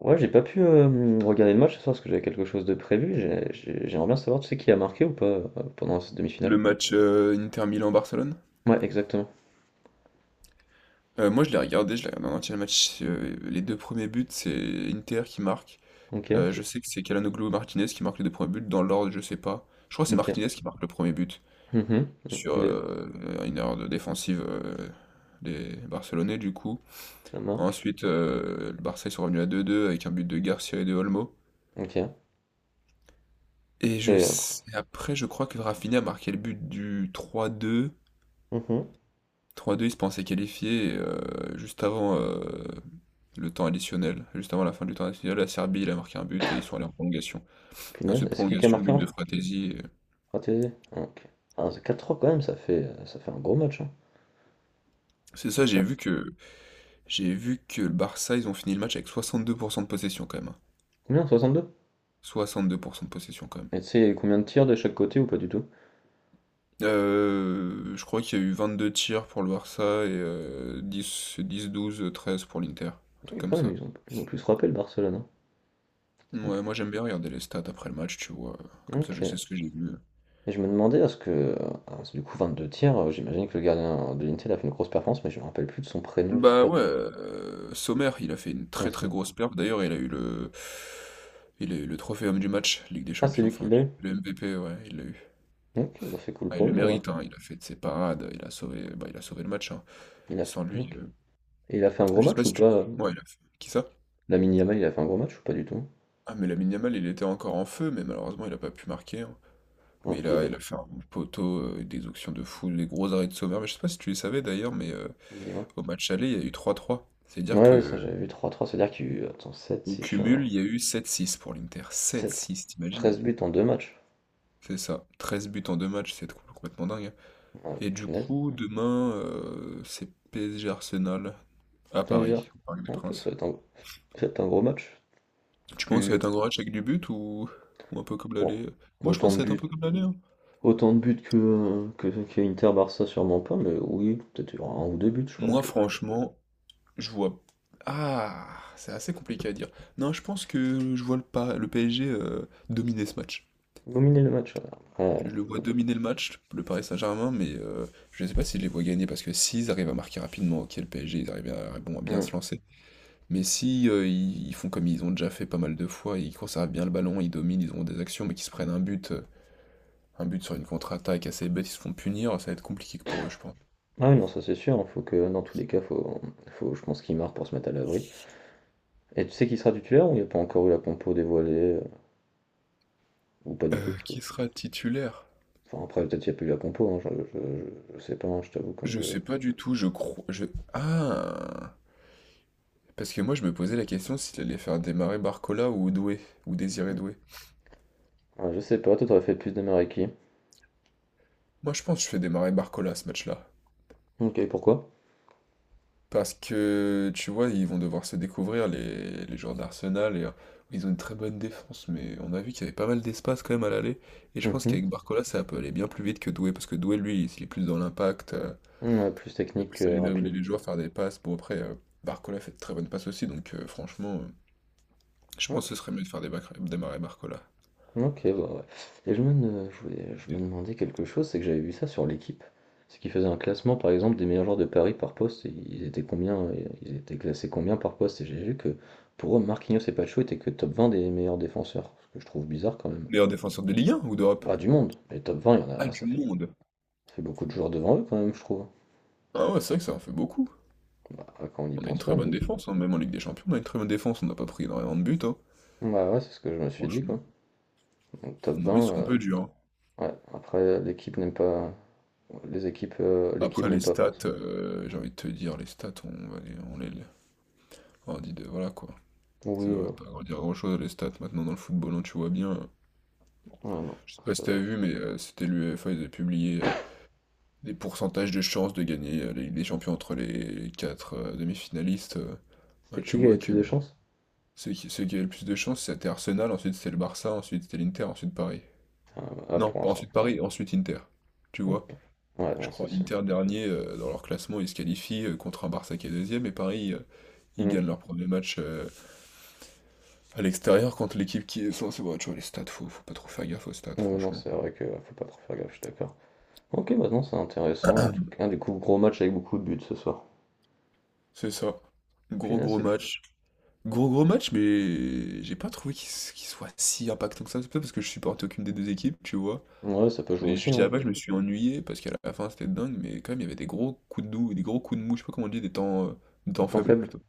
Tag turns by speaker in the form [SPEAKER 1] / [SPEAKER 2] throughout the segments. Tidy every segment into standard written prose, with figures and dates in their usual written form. [SPEAKER 1] Ouais, j'ai pas pu regarder le match ce soir parce que j'avais quelque chose de prévu. J'aimerais bien savoir, tu sais, qui a marqué ou pas pendant cette
[SPEAKER 2] Le
[SPEAKER 1] demi-finale.
[SPEAKER 2] match Inter Milan-Barcelone?
[SPEAKER 1] Ouais, exactement.
[SPEAKER 2] Moi, je l'ai regardé en entier le match. Les deux premiers buts, c'est Inter qui marque.
[SPEAKER 1] Ok.
[SPEAKER 2] Je sais que c'est Calhanoglu et Martinez qui marquent les deux premiers buts. Dans l'ordre, je sais pas. Je crois que c'est
[SPEAKER 1] Ok.
[SPEAKER 2] Martinez qui marque le premier but
[SPEAKER 1] Mhm.
[SPEAKER 2] sur
[SPEAKER 1] Le-
[SPEAKER 2] une erreur de défensive des Barcelonais, du coup.
[SPEAKER 1] Ça marche.
[SPEAKER 2] Ensuite, le Barça, ils sont revenus à 2-2 avec un but de Garcia et de Olmo.
[SPEAKER 1] Ok.
[SPEAKER 2] Et
[SPEAKER 1] Et après.
[SPEAKER 2] après, je crois que Rafinha a marqué le but du 3-2.
[SPEAKER 1] Mhm.
[SPEAKER 2] Trois deux ils se pensaient qualifiés juste avant le temps additionnel. Juste avant la fin du temps additionnel, la Serbie, il a marqué un but et ils sont allés en prolongation. Et
[SPEAKER 1] Punaise,
[SPEAKER 2] ensuite,
[SPEAKER 1] est-ce qu'il a
[SPEAKER 2] prolongation,
[SPEAKER 1] marqué
[SPEAKER 2] but
[SPEAKER 1] un
[SPEAKER 2] de
[SPEAKER 1] pour
[SPEAKER 2] Fratesi.
[SPEAKER 1] raté? Ok. Ah, c'est quatre 3 quand même, ça fait un gros match, hein.
[SPEAKER 2] C'est
[SPEAKER 1] Ça
[SPEAKER 2] ça, j'ai
[SPEAKER 1] fait
[SPEAKER 2] vu que le Barça, ils ont fini le match avec 62% de possession quand même, hein.
[SPEAKER 1] combien? 62.
[SPEAKER 2] 62% de possession quand même.
[SPEAKER 1] Et tu sais, il y a eu combien de tirs de chaque côté ou pas du tout?
[SPEAKER 2] Je crois qu'il y a eu 22 tirs pour le Barça et 10, 10, 12, 13 pour l'Inter. Un truc
[SPEAKER 1] Oui,
[SPEAKER 2] comme
[SPEAKER 1] quand même,
[SPEAKER 2] ça.
[SPEAKER 1] ils ont plus frappé le Barcelone, hein. Ils ont
[SPEAKER 2] Ouais,
[SPEAKER 1] plus-
[SPEAKER 2] moi j'aime bien regarder les stats après le match, tu vois. Comme ça,
[SPEAKER 1] Ok.
[SPEAKER 2] je sais ce que j'ai vu.
[SPEAKER 1] Et je me demandais est-ce que, heu, ah parce du coup 22 tirs, j'imagine que le gardien de l'Inter a fait une grosse performance, mais je me rappelle plus de son prénom, je sais
[SPEAKER 2] Bah
[SPEAKER 1] pas.
[SPEAKER 2] ouais, Sommer, il a fait une
[SPEAKER 1] Ah
[SPEAKER 2] très
[SPEAKER 1] c'est
[SPEAKER 2] très
[SPEAKER 1] bon.
[SPEAKER 2] grosse perf. D'ailleurs, il a eu le trophée homme du match, Ligue des
[SPEAKER 1] Ah c'est
[SPEAKER 2] Champions,
[SPEAKER 1] lui qui
[SPEAKER 2] enfin
[SPEAKER 1] l'a eu?
[SPEAKER 2] le MVP, ouais, il l'a eu.
[SPEAKER 1] OK, bah, c'est cool
[SPEAKER 2] Ah, il
[SPEAKER 1] pour
[SPEAKER 2] le
[SPEAKER 1] lui en vrai.
[SPEAKER 2] mérite, hein, il a fait de ses parades, il a sauvé, bah, il a sauvé le match, hein.
[SPEAKER 1] Il a
[SPEAKER 2] Sans lui,
[SPEAKER 1] OK et il a fait un gros
[SPEAKER 2] je sais
[SPEAKER 1] match
[SPEAKER 2] pas si
[SPEAKER 1] ou
[SPEAKER 2] tu,
[SPEAKER 1] pas, hem?
[SPEAKER 2] ouais, qui ça?
[SPEAKER 1] Lamine Yamal, il a fait un gros match ou pas du tout?
[SPEAKER 2] Ah mais Lamine Yamal, il était encore en feu, mais malheureusement, il a pas pu marquer, hein. Mais
[SPEAKER 1] OK, il
[SPEAKER 2] il a fait un poteau, des actions de fou, des gros arrêts de Sommer. Mais je sais pas si tu les savais d'ailleurs, mais
[SPEAKER 1] dis-moi.
[SPEAKER 2] au match aller, il y a eu 3-3. C'est à dire
[SPEAKER 1] Ouais, ouais, ça
[SPEAKER 2] que
[SPEAKER 1] j'avais vu trois trois cest c'est-à-dire qu'il y a eu, attends 7,
[SPEAKER 2] Au
[SPEAKER 1] 6 je suis
[SPEAKER 2] cumul,
[SPEAKER 1] en
[SPEAKER 2] il y a eu 7-6 pour l'Inter. Sept
[SPEAKER 1] sept
[SPEAKER 2] six,
[SPEAKER 1] treize
[SPEAKER 2] t'imagines?
[SPEAKER 1] buts en deux matchs.
[SPEAKER 2] C'est ça. 13 buts en deux matchs, c'est complètement dingue, hein.
[SPEAKER 1] Ah
[SPEAKER 2] Et du
[SPEAKER 1] punaise.
[SPEAKER 2] coup, demain, c'est PSG Arsenal à
[SPEAKER 1] Putain, Gérard.
[SPEAKER 2] Paris, au Parc des
[SPEAKER 1] OK,
[SPEAKER 2] Princes.
[SPEAKER 1] ça va être un gros match.
[SPEAKER 2] Tu penses que ça va
[SPEAKER 1] Tu
[SPEAKER 2] être un gros match avec du but ou, un peu comme
[SPEAKER 1] bon,
[SPEAKER 2] l'aller? Moi, je
[SPEAKER 1] autant
[SPEAKER 2] pense que
[SPEAKER 1] de
[SPEAKER 2] ça va être un
[SPEAKER 1] buts.
[SPEAKER 2] peu comme l'aller, hein.
[SPEAKER 1] Autant de buts que Inter-Barça, sûrement pas, mais oui, peut-être il y aura 1 ou 2 buts, je pense
[SPEAKER 2] Moi,
[SPEAKER 1] que
[SPEAKER 2] franchement, je vois. Ah, c'est assez compliqué à dire. Non, je pense que je vois le PSG dominer ce match.
[SPEAKER 1] dominer le match, ouais. Ouais,
[SPEAKER 2] Je le vois
[SPEAKER 1] faut de
[SPEAKER 2] dominer le match, le Paris Saint-Germain, mais je ne sais pas si je les vois gagner parce que s'ils arrivent à marquer rapidement, ok, le PSG, ils arrivent à, bon, à bien
[SPEAKER 1] mmh.
[SPEAKER 2] se lancer. Mais si ils font comme ils ont déjà fait pas mal de fois, ils conservent bien le ballon, ils dominent, ils ont des actions, mais qu'ils se prennent un but, un but sur une contre-attaque assez bête, ils se font punir, ça va être compliqué pour eux, je pense.
[SPEAKER 1] Ah oui, non, ça c'est sûr, hein, faut que dans tous les cas, faut je pense qu'il marque pour se mettre à l'abri. Et tu sais qui sera titulaire ou il n'y a pas encore eu la compo dévoilée, ou pas du tout? Parce
[SPEAKER 2] Qui
[SPEAKER 1] que
[SPEAKER 2] sera titulaire?
[SPEAKER 1] enfin après peut-être il y a plus eu la compo, hein, je sais pas, hein, je t'avoue comme
[SPEAKER 2] Je
[SPEAKER 1] je
[SPEAKER 2] sais pas du tout, je crois. Ah! Parce que moi, je me posais la question s'il allait faire démarrer Barcola ou Doué, ou Désiré Doué.
[SPEAKER 1] ouais, je sais pas, toi t'aurais fait plus de démarrer
[SPEAKER 2] Moi, je pense que je fais démarrer Barcola ce match-là.
[SPEAKER 1] OK, pourquoi?
[SPEAKER 2] Parce que, tu vois, ils vont devoir se découvrir, les joueurs d'Arsenal. Et, ils ont une très bonne défense, mais on a vu qu'il y avait pas mal d'espace quand même à l'aller. Et je pense qu'avec
[SPEAKER 1] Mmh.
[SPEAKER 2] Barcola, ça peut aller bien plus vite que Doué, parce que Doué, lui, il est plus dans l'impact,
[SPEAKER 1] Ouais, plus
[SPEAKER 2] il va
[SPEAKER 1] technique
[SPEAKER 2] plus
[SPEAKER 1] que
[SPEAKER 2] aller dribbler
[SPEAKER 1] rapide.
[SPEAKER 2] les joueurs, faire des passes. Bon, après, Barcola fait de très bonnes passes aussi, donc franchement, je pense que ce
[SPEAKER 1] OK.
[SPEAKER 2] serait mieux de faire démarrer Barcola.
[SPEAKER 1] OK, bah, ouais et je voulais je me demandais quelque chose, c'est que j'avais vu ça sur L'Équipe. C'est qu'ils faisaient un classement, par exemple, des meilleurs joueurs de Paris par poste, et ils étaient combien, ils étaient classés combien par poste? Et j'ai vu que, pour eux, Marquinhos et Pacho étaient que top 20 des meilleurs défenseurs, ce que je trouve bizarre quand même.
[SPEAKER 2] Meilleur défenseur de Ligue 1 ou d'Europe?
[SPEAKER 1] Bah, du monde, les top 20 il y en
[SPEAKER 2] Ah,
[SPEAKER 1] a
[SPEAKER 2] du monde!
[SPEAKER 1] ça fait beaucoup de joueurs devant eux quand même, je trouve.
[SPEAKER 2] Ah ouais, c'est vrai que ça en fait beaucoup.
[SPEAKER 1] Bah, quand on y
[SPEAKER 2] On a une
[SPEAKER 1] pense,
[SPEAKER 2] très
[SPEAKER 1] ouais,
[SPEAKER 2] bonne
[SPEAKER 1] mais
[SPEAKER 2] défense, hein, même en Ligue des Champions, on a une très bonne défense, on n'a pas pris énormément de buts, hein.
[SPEAKER 1] bah, ouais, c'est ce que je me suis dit,
[SPEAKER 2] Franchement.
[SPEAKER 1] quoi. Donc top
[SPEAKER 2] Non, ils
[SPEAKER 1] 20
[SPEAKER 2] sont un peu durs, hein.
[SPEAKER 1] ouais, après L'Équipe n'aime pas les équipes, L'Équipe
[SPEAKER 2] Après
[SPEAKER 1] n'aime
[SPEAKER 2] les
[SPEAKER 1] pas
[SPEAKER 2] stats,
[SPEAKER 1] forcément.
[SPEAKER 2] j'ai envie de te dire, les stats, on, va les, on dit de, voilà quoi. Ça
[SPEAKER 1] Oui,
[SPEAKER 2] va pas dire grand-chose les stats maintenant dans le football, hein, tu vois bien.
[SPEAKER 1] ouais, non,
[SPEAKER 2] Je sais pas si
[SPEAKER 1] c'est
[SPEAKER 2] t'as vu, mais c'était l'UEFA, ils avaient publié des pourcentages de chances de gagner la Ligue des Champions entre les quatre demi-finalistes. Ouais,
[SPEAKER 1] C'était
[SPEAKER 2] tu
[SPEAKER 1] qui avait
[SPEAKER 2] vois
[SPEAKER 1] le
[SPEAKER 2] que
[SPEAKER 1] plus de chance?
[SPEAKER 2] ceux qui avaient le plus de chances, c'était Arsenal, ensuite c'était le Barça, ensuite c'était l'Inter, ensuite Paris.
[SPEAKER 1] Ah, ah,
[SPEAKER 2] Non,
[SPEAKER 1] pour
[SPEAKER 2] pas
[SPEAKER 1] l'instant.
[SPEAKER 2] ensuite Paris, ensuite Inter. Tu
[SPEAKER 1] Ok.
[SPEAKER 2] vois?
[SPEAKER 1] Ouais,
[SPEAKER 2] Je
[SPEAKER 1] non, c'est
[SPEAKER 2] crois
[SPEAKER 1] sûr.
[SPEAKER 2] Inter dernier dans leur classement, ils se qualifient contre un Barça qui est deuxième et Paris. Ils
[SPEAKER 1] Mm.
[SPEAKER 2] gagnent leur premier match à l'extérieur contre l'équipe qui est censée. Ouais, tu vois, les stats, faut pas trop faire gaffe aux stats,
[SPEAKER 1] Ouais, non,
[SPEAKER 2] franchement.
[SPEAKER 1] c'est vrai que faut pas trop faire gaffe, je suis d'accord. Ok, bah non, c'est intéressant. En tout cas, du coup, gros match avec beaucoup de buts ce soir.
[SPEAKER 2] C'est ça. Gros
[SPEAKER 1] Punaise,
[SPEAKER 2] gros
[SPEAKER 1] c'est fou.
[SPEAKER 2] match. Gros gros match, mais j'ai pas trouvé qu'il soit si impactant que ça. C'est peut-être parce que je supportais aucune des deux équipes, tu vois.
[SPEAKER 1] Ouais, ça peut jouer
[SPEAKER 2] Mais
[SPEAKER 1] aussi,
[SPEAKER 2] je
[SPEAKER 1] hein.
[SPEAKER 2] dirais pas que je me suis ennuyé parce qu'à la fin c'était dingue, mais quand même il y avait des gros coups de doux, des gros coups de mou, je sais pas comment on dit, des
[SPEAKER 1] Le
[SPEAKER 2] temps
[SPEAKER 1] temps
[SPEAKER 2] faibles
[SPEAKER 1] faible.
[SPEAKER 2] plutôt.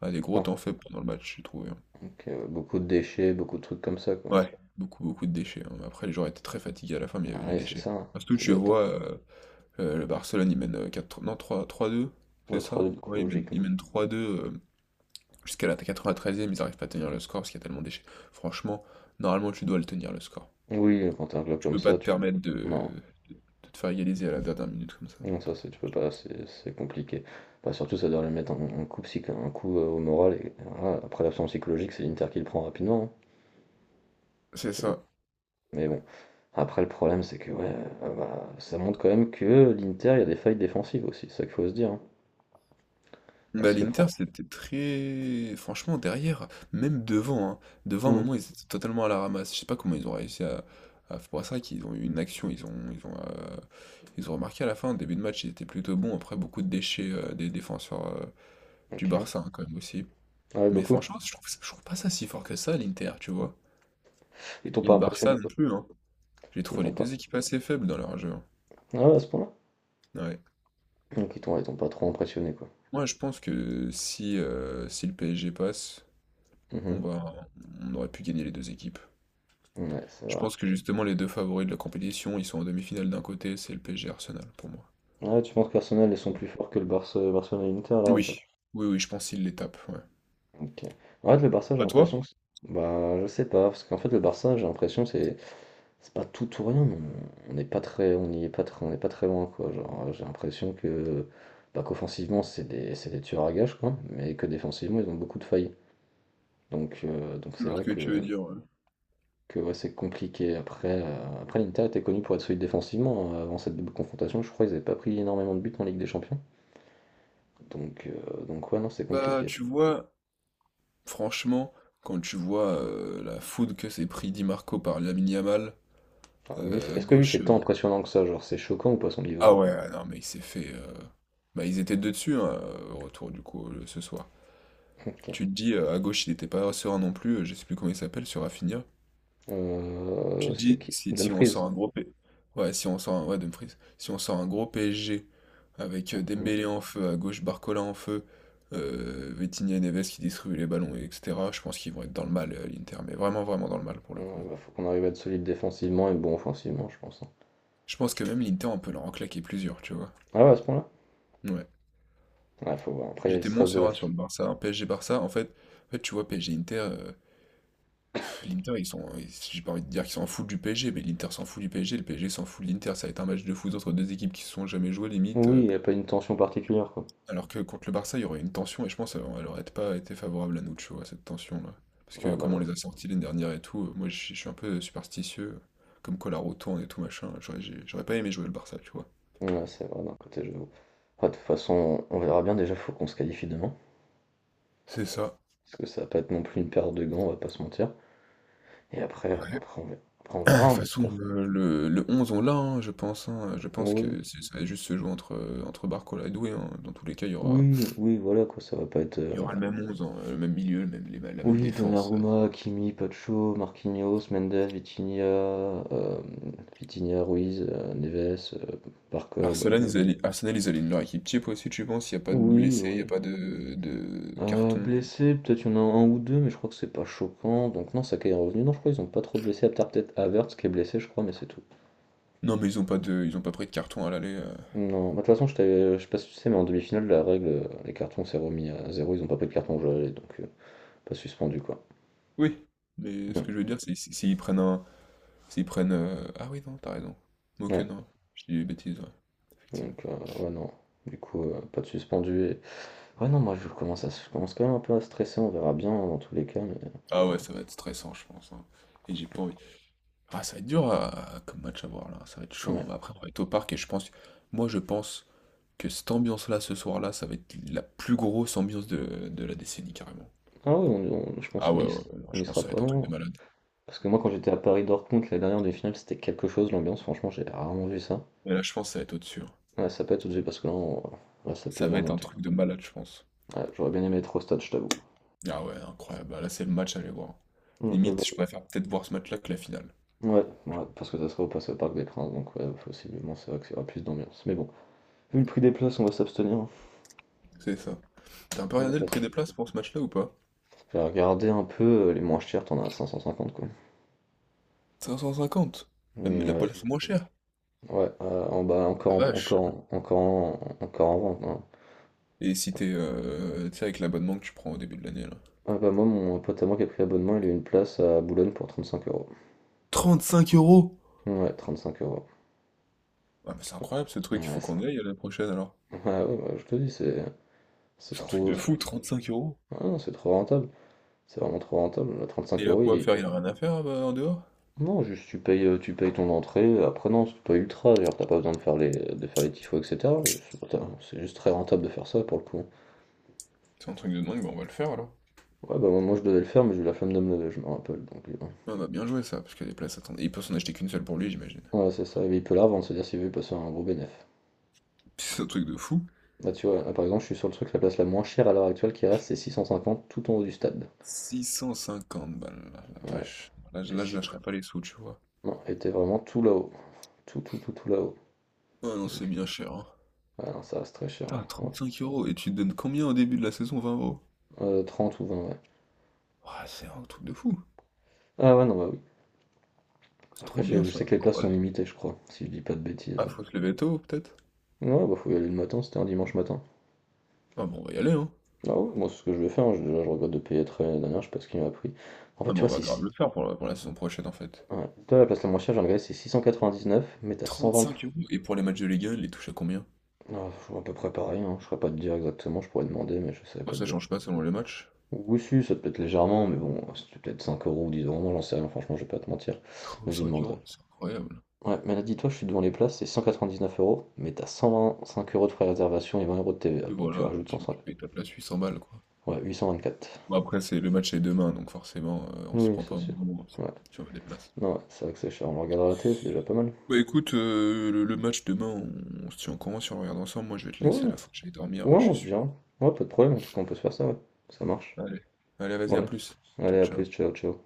[SPEAKER 2] Ah, des gros
[SPEAKER 1] Temps.
[SPEAKER 2] temps faibles pendant le match, j'ai trouvé, hein.
[SPEAKER 1] Donc, beaucoup de déchets, beaucoup de trucs comme ça, quoi.
[SPEAKER 2] Ouais, beaucoup beaucoup de déchets, hein. Après les joueurs étaient très fatigués à la fin, mais il y avait
[SPEAKER 1] Ah
[SPEAKER 2] du
[SPEAKER 1] ouais, c'est
[SPEAKER 2] déchet.
[SPEAKER 1] ça, hein.
[SPEAKER 2] Parce que
[SPEAKER 1] Ça
[SPEAKER 2] tu
[SPEAKER 1] doit être un-
[SPEAKER 2] vois, le Barcelone, il mène 4, non, 3 3-2,
[SPEAKER 1] Ouais,
[SPEAKER 2] c'est
[SPEAKER 1] trois
[SPEAKER 2] ça?
[SPEAKER 1] 2 du coup,
[SPEAKER 2] Ouais, il
[SPEAKER 1] logiquement.
[SPEAKER 2] mène trois-deux euh, jusqu'à la 93 treizième ils n'arrivent pas à tenir le score parce qu'il y a tellement d'échecs. Franchement, normalement, tu dois le tenir le score.
[SPEAKER 1] Oui, quand t'as un club
[SPEAKER 2] Tu
[SPEAKER 1] comme
[SPEAKER 2] peux pas
[SPEAKER 1] ça,
[SPEAKER 2] te
[SPEAKER 1] tu...
[SPEAKER 2] permettre
[SPEAKER 1] Non.
[SPEAKER 2] de te faire égaliser à la dernière minute comme ça.
[SPEAKER 1] Non, ça c'est tu peux pas, c'est compliqué. Bah, surtout, ça doit lui mettre un coup psy, un coup au moral. Et voilà, après, l'absence psychologique, c'est l'Inter qui le prend rapidement, hein.
[SPEAKER 2] C'est
[SPEAKER 1] C'est-
[SPEAKER 2] ça.
[SPEAKER 1] Mais bon, après, le problème, c'est que ouais, bah, ça montre quand même que l'Inter, il y a des failles défensives aussi, c'est ça qu'il faut se dire, hein.
[SPEAKER 2] Bah,
[SPEAKER 1] Parce que
[SPEAKER 2] l'Inter,
[SPEAKER 1] prend.
[SPEAKER 2] c'était très... Franchement, derrière, même devant, hein, devant, à un
[SPEAKER 1] Mm.
[SPEAKER 2] moment, ils étaient totalement à la ramasse. Je sais pas comment ils ont réussi à... C'est pour ça qu'ils ont eu une action, Ils ont remarqué à la fin, au début de match, ils étaient plutôt bons. Après, beaucoup de déchets des défenseurs du
[SPEAKER 1] Ok.
[SPEAKER 2] Barça, hein, quand même aussi.
[SPEAKER 1] Ah ouais,
[SPEAKER 2] Mais
[SPEAKER 1] beaucoup.
[SPEAKER 2] franchement, je trouve pas ça si fort que ça, l'Inter, tu vois.
[SPEAKER 1] Ils t'ont
[SPEAKER 2] Et
[SPEAKER 1] pas
[SPEAKER 2] le Barça
[SPEAKER 1] impressionné,
[SPEAKER 2] non
[SPEAKER 1] quoi.
[SPEAKER 2] plus, hein. J'ai
[SPEAKER 1] Ils
[SPEAKER 2] trouvé les
[SPEAKER 1] t'ont
[SPEAKER 2] deux
[SPEAKER 1] pas.
[SPEAKER 2] équipes assez faibles dans leur jeu, hein.
[SPEAKER 1] Ah ouais, à ce point-là.
[SPEAKER 2] Ouais.
[SPEAKER 1] Donc, ils t'ont pas trop impressionné, quoi.
[SPEAKER 2] Moi, je pense que si le PSG passe, on
[SPEAKER 1] Mhm.
[SPEAKER 2] va, on aurait pu gagner les deux équipes.
[SPEAKER 1] Ouais, c'est
[SPEAKER 2] Je
[SPEAKER 1] vrai.
[SPEAKER 2] pense que justement, les deux favoris de la compétition, ils sont en demi-finale d'un côté, c'est le PSG Arsenal pour moi.
[SPEAKER 1] Ah ouais, tu penses qu'Arsenal, ils sont
[SPEAKER 2] Ouais.
[SPEAKER 1] plus forts que le Barça, Barcelone et l'Inter à l'heure actuelle?
[SPEAKER 2] Oui, oui, oui, je pense qu'ils les tapent, ouais.
[SPEAKER 1] OK. En fait, le Barça, j'ai
[SPEAKER 2] Pas toi?
[SPEAKER 1] l'impression que c'est bah, je sais pas, parce qu'en fait, le Barça, j'ai l'impression que c'est pas tout ou rien, mais on n'est pas très on n'est pas très loin quoi. Genre, j'ai l'impression que bah, qu'offensivement, c'est des tueurs à gages quoi, mais que défensivement, ils ont beaucoup de failles. Donc
[SPEAKER 2] Je
[SPEAKER 1] c'est
[SPEAKER 2] vois ce
[SPEAKER 1] vrai
[SPEAKER 2] que tu veux dire, ouais.
[SPEAKER 1] que ouais, c'est compliqué après après l'Inter était connu pour être solide défensivement hein, avant cette double confrontation, je crois qu'ils n'avaient pas pris énormément de buts en Ligue des Champions. Donc ouais, non, c'est
[SPEAKER 2] Bah,
[SPEAKER 1] compliqué.
[SPEAKER 2] tu vois, franchement, quand tu vois la foudre que s'est pris Di Marco par Lamine Yamal,
[SPEAKER 1] Enfin, lui,
[SPEAKER 2] À
[SPEAKER 1] est-ce que lui
[SPEAKER 2] gauche.
[SPEAKER 1] c'est tant impressionnant que ça, genre c'est choquant ou pas son niveau?
[SPEAKER 2] Ah ouais, ah non, mais il s'est fait. Bah, ils étaient deux dessus, hein, au retour du coup, ce soir.
[SPEAKER 1] Ok.
[SPEAKER 2] Tu te dis, à gauche, il n'était pas serein non plus, je sais plus comment il s'appelle, sur Rafinha. Tu te
[SPEAKER 1] C'était
[SPEAKER 2] dis,
[SPEAKER 1] qui?
[SPEAKER 2] si on
[SPEAKER 1] Dumfries.
[SPEAKER 2] sort un gros P. Ouais, si on sort un... ouais, Dumfries. Si on sort un gros PSG avec Dembélé
[SPEAKER 1] Mm.
[SPEAKER 2] en feu, à gauche, Barcola en feu, Vitinha et Neves qui distribuent les ballons, et etc. Je pense qu'ils vont être dans le mal, l'Inter, mais vraiment, vraiment dans le mal pour le
[SPEAKER 1] Ouais,
[SPEAKER 2] coup.
[SPEAKER 1] bah, faut qu'on arrive à être solide défensivement et bon offensivement, je pense, hein.
[SPEAKER 2] Je pense que même l'Inter, on peut leur en claquer plusieurs, tu vois.
[SPEAKER 1] Ah ouais, à ce point-là?
[SPEAKER 2] Ouais.
[SPEAKER 1] Ouais, faut voir. Après, il y a le
[SPEAKER 2] J'étais moins
[SPEAKER 1] stress de la...
[SPEAKER 2] serein sur
[SPEAKER 1] f-
[SPEAKER 2] le Barça, un PSG Barça. En fait, tu vois, PSG Inter, l'Inter, si j'ai pas envie de dire qu'ils s'en foutent du PSG, mais l'Inter s'en fout du PSG, le PSG s'en fout de l'Inter. Ça va être un match de foot entre deux équipes qui se sont jamais jouées limite.
[SPEAKER 1] Oui, il n'y a pas une tension particulière, quoi.
[SPEAKER 2] Alors que contre le Barça, il y aurait une tension et je pense elle aurait pas été favorable à nous, tu vois, cette tension-là. Parce que
[SPEAKER 1] Ouais,
[SPEAKER 2] comme on
[SPEAKER 1] malheureux.
[SPEAKER 2] les a sortis l'année dernière et tout, moi je suis un peu superstitieux, comme quoi la roue tourne et tout machin. J'aurais pas aimé jouer le Barça, tu vois.
[SPEAKER 1] Ouais, c'est vrai, d'un côté, je vous. Après, de toute façon, on verra bien. Déjà, faut qu'on se qualifie demain.
[SPEAKER 2] C'est ça.
[SPEAKER 1] Parce que ça va pas être non plus une paire de gants, on va pas se mentir. Et après, on verra, après, on
[SPEAKER 2] Ah, de
[SPEAKER 1] verra,
[SPEAKER 2] toute
[SPEAKER 1] on
[SPEAKER 2] façon,
[SPEAKER 1] espère.
[SPEAKER 2] le 11, on l'a, hein, je pense, hein. Je pense
[SPEAKER 1] Oui,
[SPEAKER 2] que ça va juste se jouer entre Barcola et Doué, hein. Dans tous les cas,
[SPEAKER 1] oui, oui, voilà, quoi. Ça va pas être.
[SPEAKER 2] il y aura le même 11 hein, le même milieu, la même
[SPEAKER 1] Oui,
[SPEAKER 2] défense.
[SPEAKER 1] Donnarumma, Kimi, Pacho, Marquinhos, Mendes, Vitinha, Ruiz, Neves, Barca, bah,
[SPEAKER 2] Arsenal,
[SPEAKER 1] bon.
[SPEAKER 2] ils alignent leur équipe type aussi, tu penses? Il n'y a pas de
[SPEAKER 1] Oui,
[SPEAKER 2] blessés, il n'y a
[SPEAKER 1] oui.
[SPEAKER 2] pas de carton.
[SPEAKER 1] Blessé, peut-être il y en a un ou deux, mais je crois que c'est pas choquant. Donc non, Saka est revenu. Non, je crois qu'ils ont pas trop de blessés, à part peut-être Havertz qui est blessé, je crois, mais c'est tout.
[SPEAKER 2] Non, mais ils ont pas pris de carton à l'aller.
[SPEAKER 1] Non, bah, de toute façon, je sais pas si tu sais, mais en demi-finale, la règle, les cartons s'est remis à zéro, ils ont pas pris de carton jaune, donc pas suspendu quoi.
[SPEAKER 2] Oui, mais ce
[SPEAKER 1] Mm.
[SPEAKER 2] que je veux dire, c'est s'ils prennent un. S'ils prennent. Ah oui, non, t'as raison. Ok,
[SPEAKER 1] Ouais,
[SPEAKER 2] non, je dis des bêtises, ouais, effectivement.
[SPEAKER 1] ouais, non. Du coup, pas de suspendu. Ouais, non, moi je commence quand même un peu à stresser, on verra bien hein, dans tous les cas, mais
[SPEAKER 2] Ah ouais, ça va être stressant, je pense, hein. Et j'ai pas envie. Ah, ça va être comme match à voir là, ça va être chaud.
[SPEAKER 1] ouais.
[SPEAKER 2] Après, on va être au parc et moi je pense que cette ambiance-là ce soir-là, ça va être la plus grosse ambiance de la décennie carrément.
[SPEAKER 1] Ah oui, je pense
[SPEAKER 2] Ah
[SPEAKER 1] qu'on
[SPEAKER 2] ouais,
[SPEAKER 1] y,
[SPEAKER 2] ouais, ouais, non,
[SPEAKER 1] on
[SPEAKER 2] je
[SPEAKER 1] y
[SPEAKER 2] pense que
[SPEAKER 1] sera
[SPEAKER 2] ça va
[SPEAKER 1] pas
[SPEAKER 2] être un truc de
[SPEAKER 1] loin.
[SPEAKER 2] malade.
[SPEAKER 1] Parce que moi quand j'étais à Paris-Dortmund, la dernière demi-finale, c'était quelque chose l'ambiance, franchement j'ai rarement vu ça.
[SPEAKER 2] Et là, je pense que ça va être au-dessus, hein.
[SPEAKER 1] Ouais, ça peut être tout de suite parce que là, ça peut
[SPEAKER 2] Ça va
[SPEAKER 1] vraiment
[SPEAKER 2] être un
[SPEAKER 1] être.
[SPEAKER 2] truc de malade, je pense.
[SPEAKER 1] Ouais, j'aurais bien aimé être au stade, je t'avoue.
[SPEAKER 2] Ah ouais, incroyable. Bah, là, c'est le match à aller voir.
[SPEAKER 1] Mm, mais bon.
[SPEAKER 2] Limite, je préfère peut-être voir ce match-là que la finale.
[SPEAKER 1] Ouais, ouais, parce que ça sera au passe au Parc des Princes, donc ouais, possiblement c'est vrai qu'il y aura plus d'ambiance. Mais bon, vu le prix des places, on va s'abstenir, hein.
[SPEAKER 2] C'est ça. T'as un peu
[SPEAKER 1] On va
[SPEAKER 2] regardé le
[SPEAKER 1] pas se-
[SPEAKER 2] prix des places pour ce match-là ou pas?
[SPEAKER 1] Je vais regarder un peu les moins chers, t'en as à 550 quoi.
[SPEAKER 2] 550. La
[SPEAKER 1] Mm,
[SPEAKER 2] la
[SPEAKER 1] ouais.
[SPEAKER 2] place la moins chère.
[SPEAKER 1] Ouais, en bas,
[SPEAKER 2] La vache.
[SPEAKER 1] encore en vente, hein.
[SPEAKER 2] Et si t'es, tu sais, avec l'abonnement que tu prends au début de l'année là.
[SPEAKER 1] Ah bah moi, mon pote à moi qui a pris l'abonnement, il a eu une place à Boulogne pour 35 euros.
[SPEAKER 2] Trente cinq euros?
[SPEAKER 1] Ouais, 35 euros.
[SPEAKER 2] Ah, mais c'est incroyable ce
[SPEAKER 1] Ah,
[SPEAKER 2] truc, il
[SPEAKER 1] ouais,
[SPEAKER 2] faut
[SPEAKER 1] ça.
[SPEAKER 2] qu'on y aille à la prochaine alors.
[SPEAKER 1] Ouais, ouais, ouais, bah, je te dis, c'est
[SPEAKER 2] C'est un truc
[SPEAKER 1] trop.
[SPEAKER 2] de
[SPEAKER 1] C'est
[SPEAKER 2] fou, 35 euros.
[SPEAKER 1] Ah non, c'est trop rentable. C'est vraiment trop rentable. Là, 35
[SPEAKER 2] Il a
[SPEAKER 1] euros,
[SPEAKER 2] quoi à faire? Il a rien à faire ah bah, en dehors?
[SPEAKER 1] non, juste tu payes ton entrée. Après, non, c'est pas ultra. Genre, t'as pas besoin de faire les tifos, etc. Putain, c'est juste très rentable de faire ça pour le coup.
[SPEAKER 2] C'est un truc de dingue, bah, on va le faire alors.
[SPEAKER 1] Ouais, bah moi, je devais le faire, mais j'ai eu la flemme de me lever, je me rappelle. Donc,
[SPEAKER 2] Ah bah bien joué ça, parce que les places, attendez, il peut s'en acheter qu'une seule pour lui, j'imagine.
[SPEAKER 1] ouais, c'est ça. Et il peut la revendre, c'est-à-dire s'il veut, il peut se faire un gros bénéfice.
[SPEAKER 2] C'est un truc de fou.
[SPEAKER 1] Là, tu vois, là, par exemple, je suis sur le truc, la place la moins chère à l'heure actuelle qui reste, c'est 650 tout en haut du stade.
[SPEAKER 2] 650 balles, la la,
[SPEAKER 1] Ouais,
[SPEAKER 2] vache.
[SPEAKER 1] et
[SPEAKER 2] Là, je
[SPEAKER 1] si...
[SPEAKER 2] lâcherai pas les sous, tu vois.
[SPEAKER 1] non, elle était vraiment tout là-haut. Tout, tout, tout, tout là-haut.
[SPEAKER 2] Ah non, c'est
[SPEAKER 1] Donc,
[SPEAKER 2] bien cher, hein.
[SPEAKER 1] ouais, non, ça reste très cher, hein,
[SPEAKER 2] Putain,
[SPEAKER 1] ouais.
[SPEAKER 2] cinq euros, et tu te donnes combien au début de la saison, 20 euros?
[SPEAKER 1] 30 ou 20, ouais.
[SPEAKER 2] Ouais, c'est un truc de fou.
[SPEAKER 1] Ah ouais, non, bah oui.
[SPEAKER 2] C'est
[SPEAKER 1] Après,
[SPEAKER 2] trop bien
[SPEAKER 1] je
[SPEAKER 2] ça.
[SPEAKER 1] sais que les
[SPEAKER 2] Bon,
[SPEAKER 1] places sont
[SPEAKER 2] voilà.
[SPEAKER 1] limitées, je crois, si je dis pas de
[SPEAKER 2] Ah,
[SPEAKER 1] bêtises.
[SPEAKER 2] faut se lever tôt, peut-être?
[SPEAKER 1] Ouais, bah faut y aller le matin, c'était un dimanche matin.
[SPEAKER 2] Ah bon, on va y aller, hein.
[SPEAKER 1] Ah ouais, moi, c'est ce que je vais faire, hein, déjà, je regrette de payer très l'année dernière, je sais pas ce qu'il m'a pris. En fait,
[SPEAKER 2] Ah,
[SPEAKER 1] tu
[SPEAKER 2] mais on
[SPEAKER 1] vois,
[SPEAKER 2] va
[SPEAKER 1] c'est
[SPEAKER 2] grave
[SPEAKER 1] si.
[SPEAKER 2] le faire pour pour la saison prochaine en fait.
[SPEAKER 1] Ouais. Toi, la place la moins chère, j'ai regardé, c'est 699, mais t'as
[SPEAKER 2] Trente
[SPEAKER 1] 120,
[SPEAKER 2] cinq euros. Et pour les matchs de Ligue 1, il les touche à combien?
[SPEAKER 1] ah, à peu près pareil, hein, je saurais pas te dire exactement, je pourrais demander, mais je savais pas
[SPEAKER 2] Oh,
[SPEAKER 1] te
[SPEAKER 2] ça
[SPEAKER 1] dire.
[SPEAKER 2] change pas selon les matchs.
[SPEAKER 1] Oui, si, ça peut être légèrement, mais bon, c'était peut-être 5 euros ou 10 euros, moi j'en sais rien, franchement, je vais pas te mentir. Mais
[SPEAKER 2] Trente
[SPEAKER 1] je lui
[SPEAKER 2] cinq
[SPEAKER 1] demanderai.
[SPEAKER 2] euros, c'est incroyable.
[SPEAKER 1] Ouais, mais là, dis-toi, je suis devant les places, c'est 199 euros, mais t'as 125 euros de frais de réservation et 20 euros de TVA,
[SPEAKER 2] Et
[SPEAKER 1] donc tu
[SPEAKER 2] voilà,
[SPEAKER 1] rajoutes cent cinq
[SPEAKER 2] tu payes ta place 800 balles quoi.
[SPEAKER 1] ouais, huit cent vingt-quatre.
[SPEAKER 2] Bon, après, c'est le match est demain, donc forcément, on s'y
[SPEAKER 1] Oui,
[SPEAKER 2] prend
[SPEAKER 1] c'est
[SPEAKER 2] pas au
[SPEAKER 1] sûr.
[SPEAKER 2] moment
[SPEAKER 1] Ouais,
[SPEAKER 2] si on veut des places.
[SPEAKER 1] non, ouais, c'est vrai que c'est cher, on le regardera à la télé, c'est déjà pas mal.
[SPEAKER 2] Bah écoute, le match demain, on se tient au courant si on regarde ensemble. Moi, je vais te
[SPEAKER 1] Ouais,
[SPEAKER 2] laisser là, faut que j'aille dormir,
[SPEAKER 1] ouais,
[SPEAKER 2] je
[SPEAKER 1] on se
[SPEAKER 2] suis.
[SPEAKER 1] dit, hein. Ouais, pas de problème, en tout cas, on peut se faire ça, ouais. Ça marche.
[SPEAKER 2] Allez, allez, vas-y,
[SPEAKER 1] Bon,
[SPEAKER 2] à
[SPEAKER 1] allez,
[SPEAKER 2] plus. Ciao,
[SPEAKER 1] allez, à plus,
[SPEAKER 2] ciao.
[SPEAKER 1] ciao, ciao.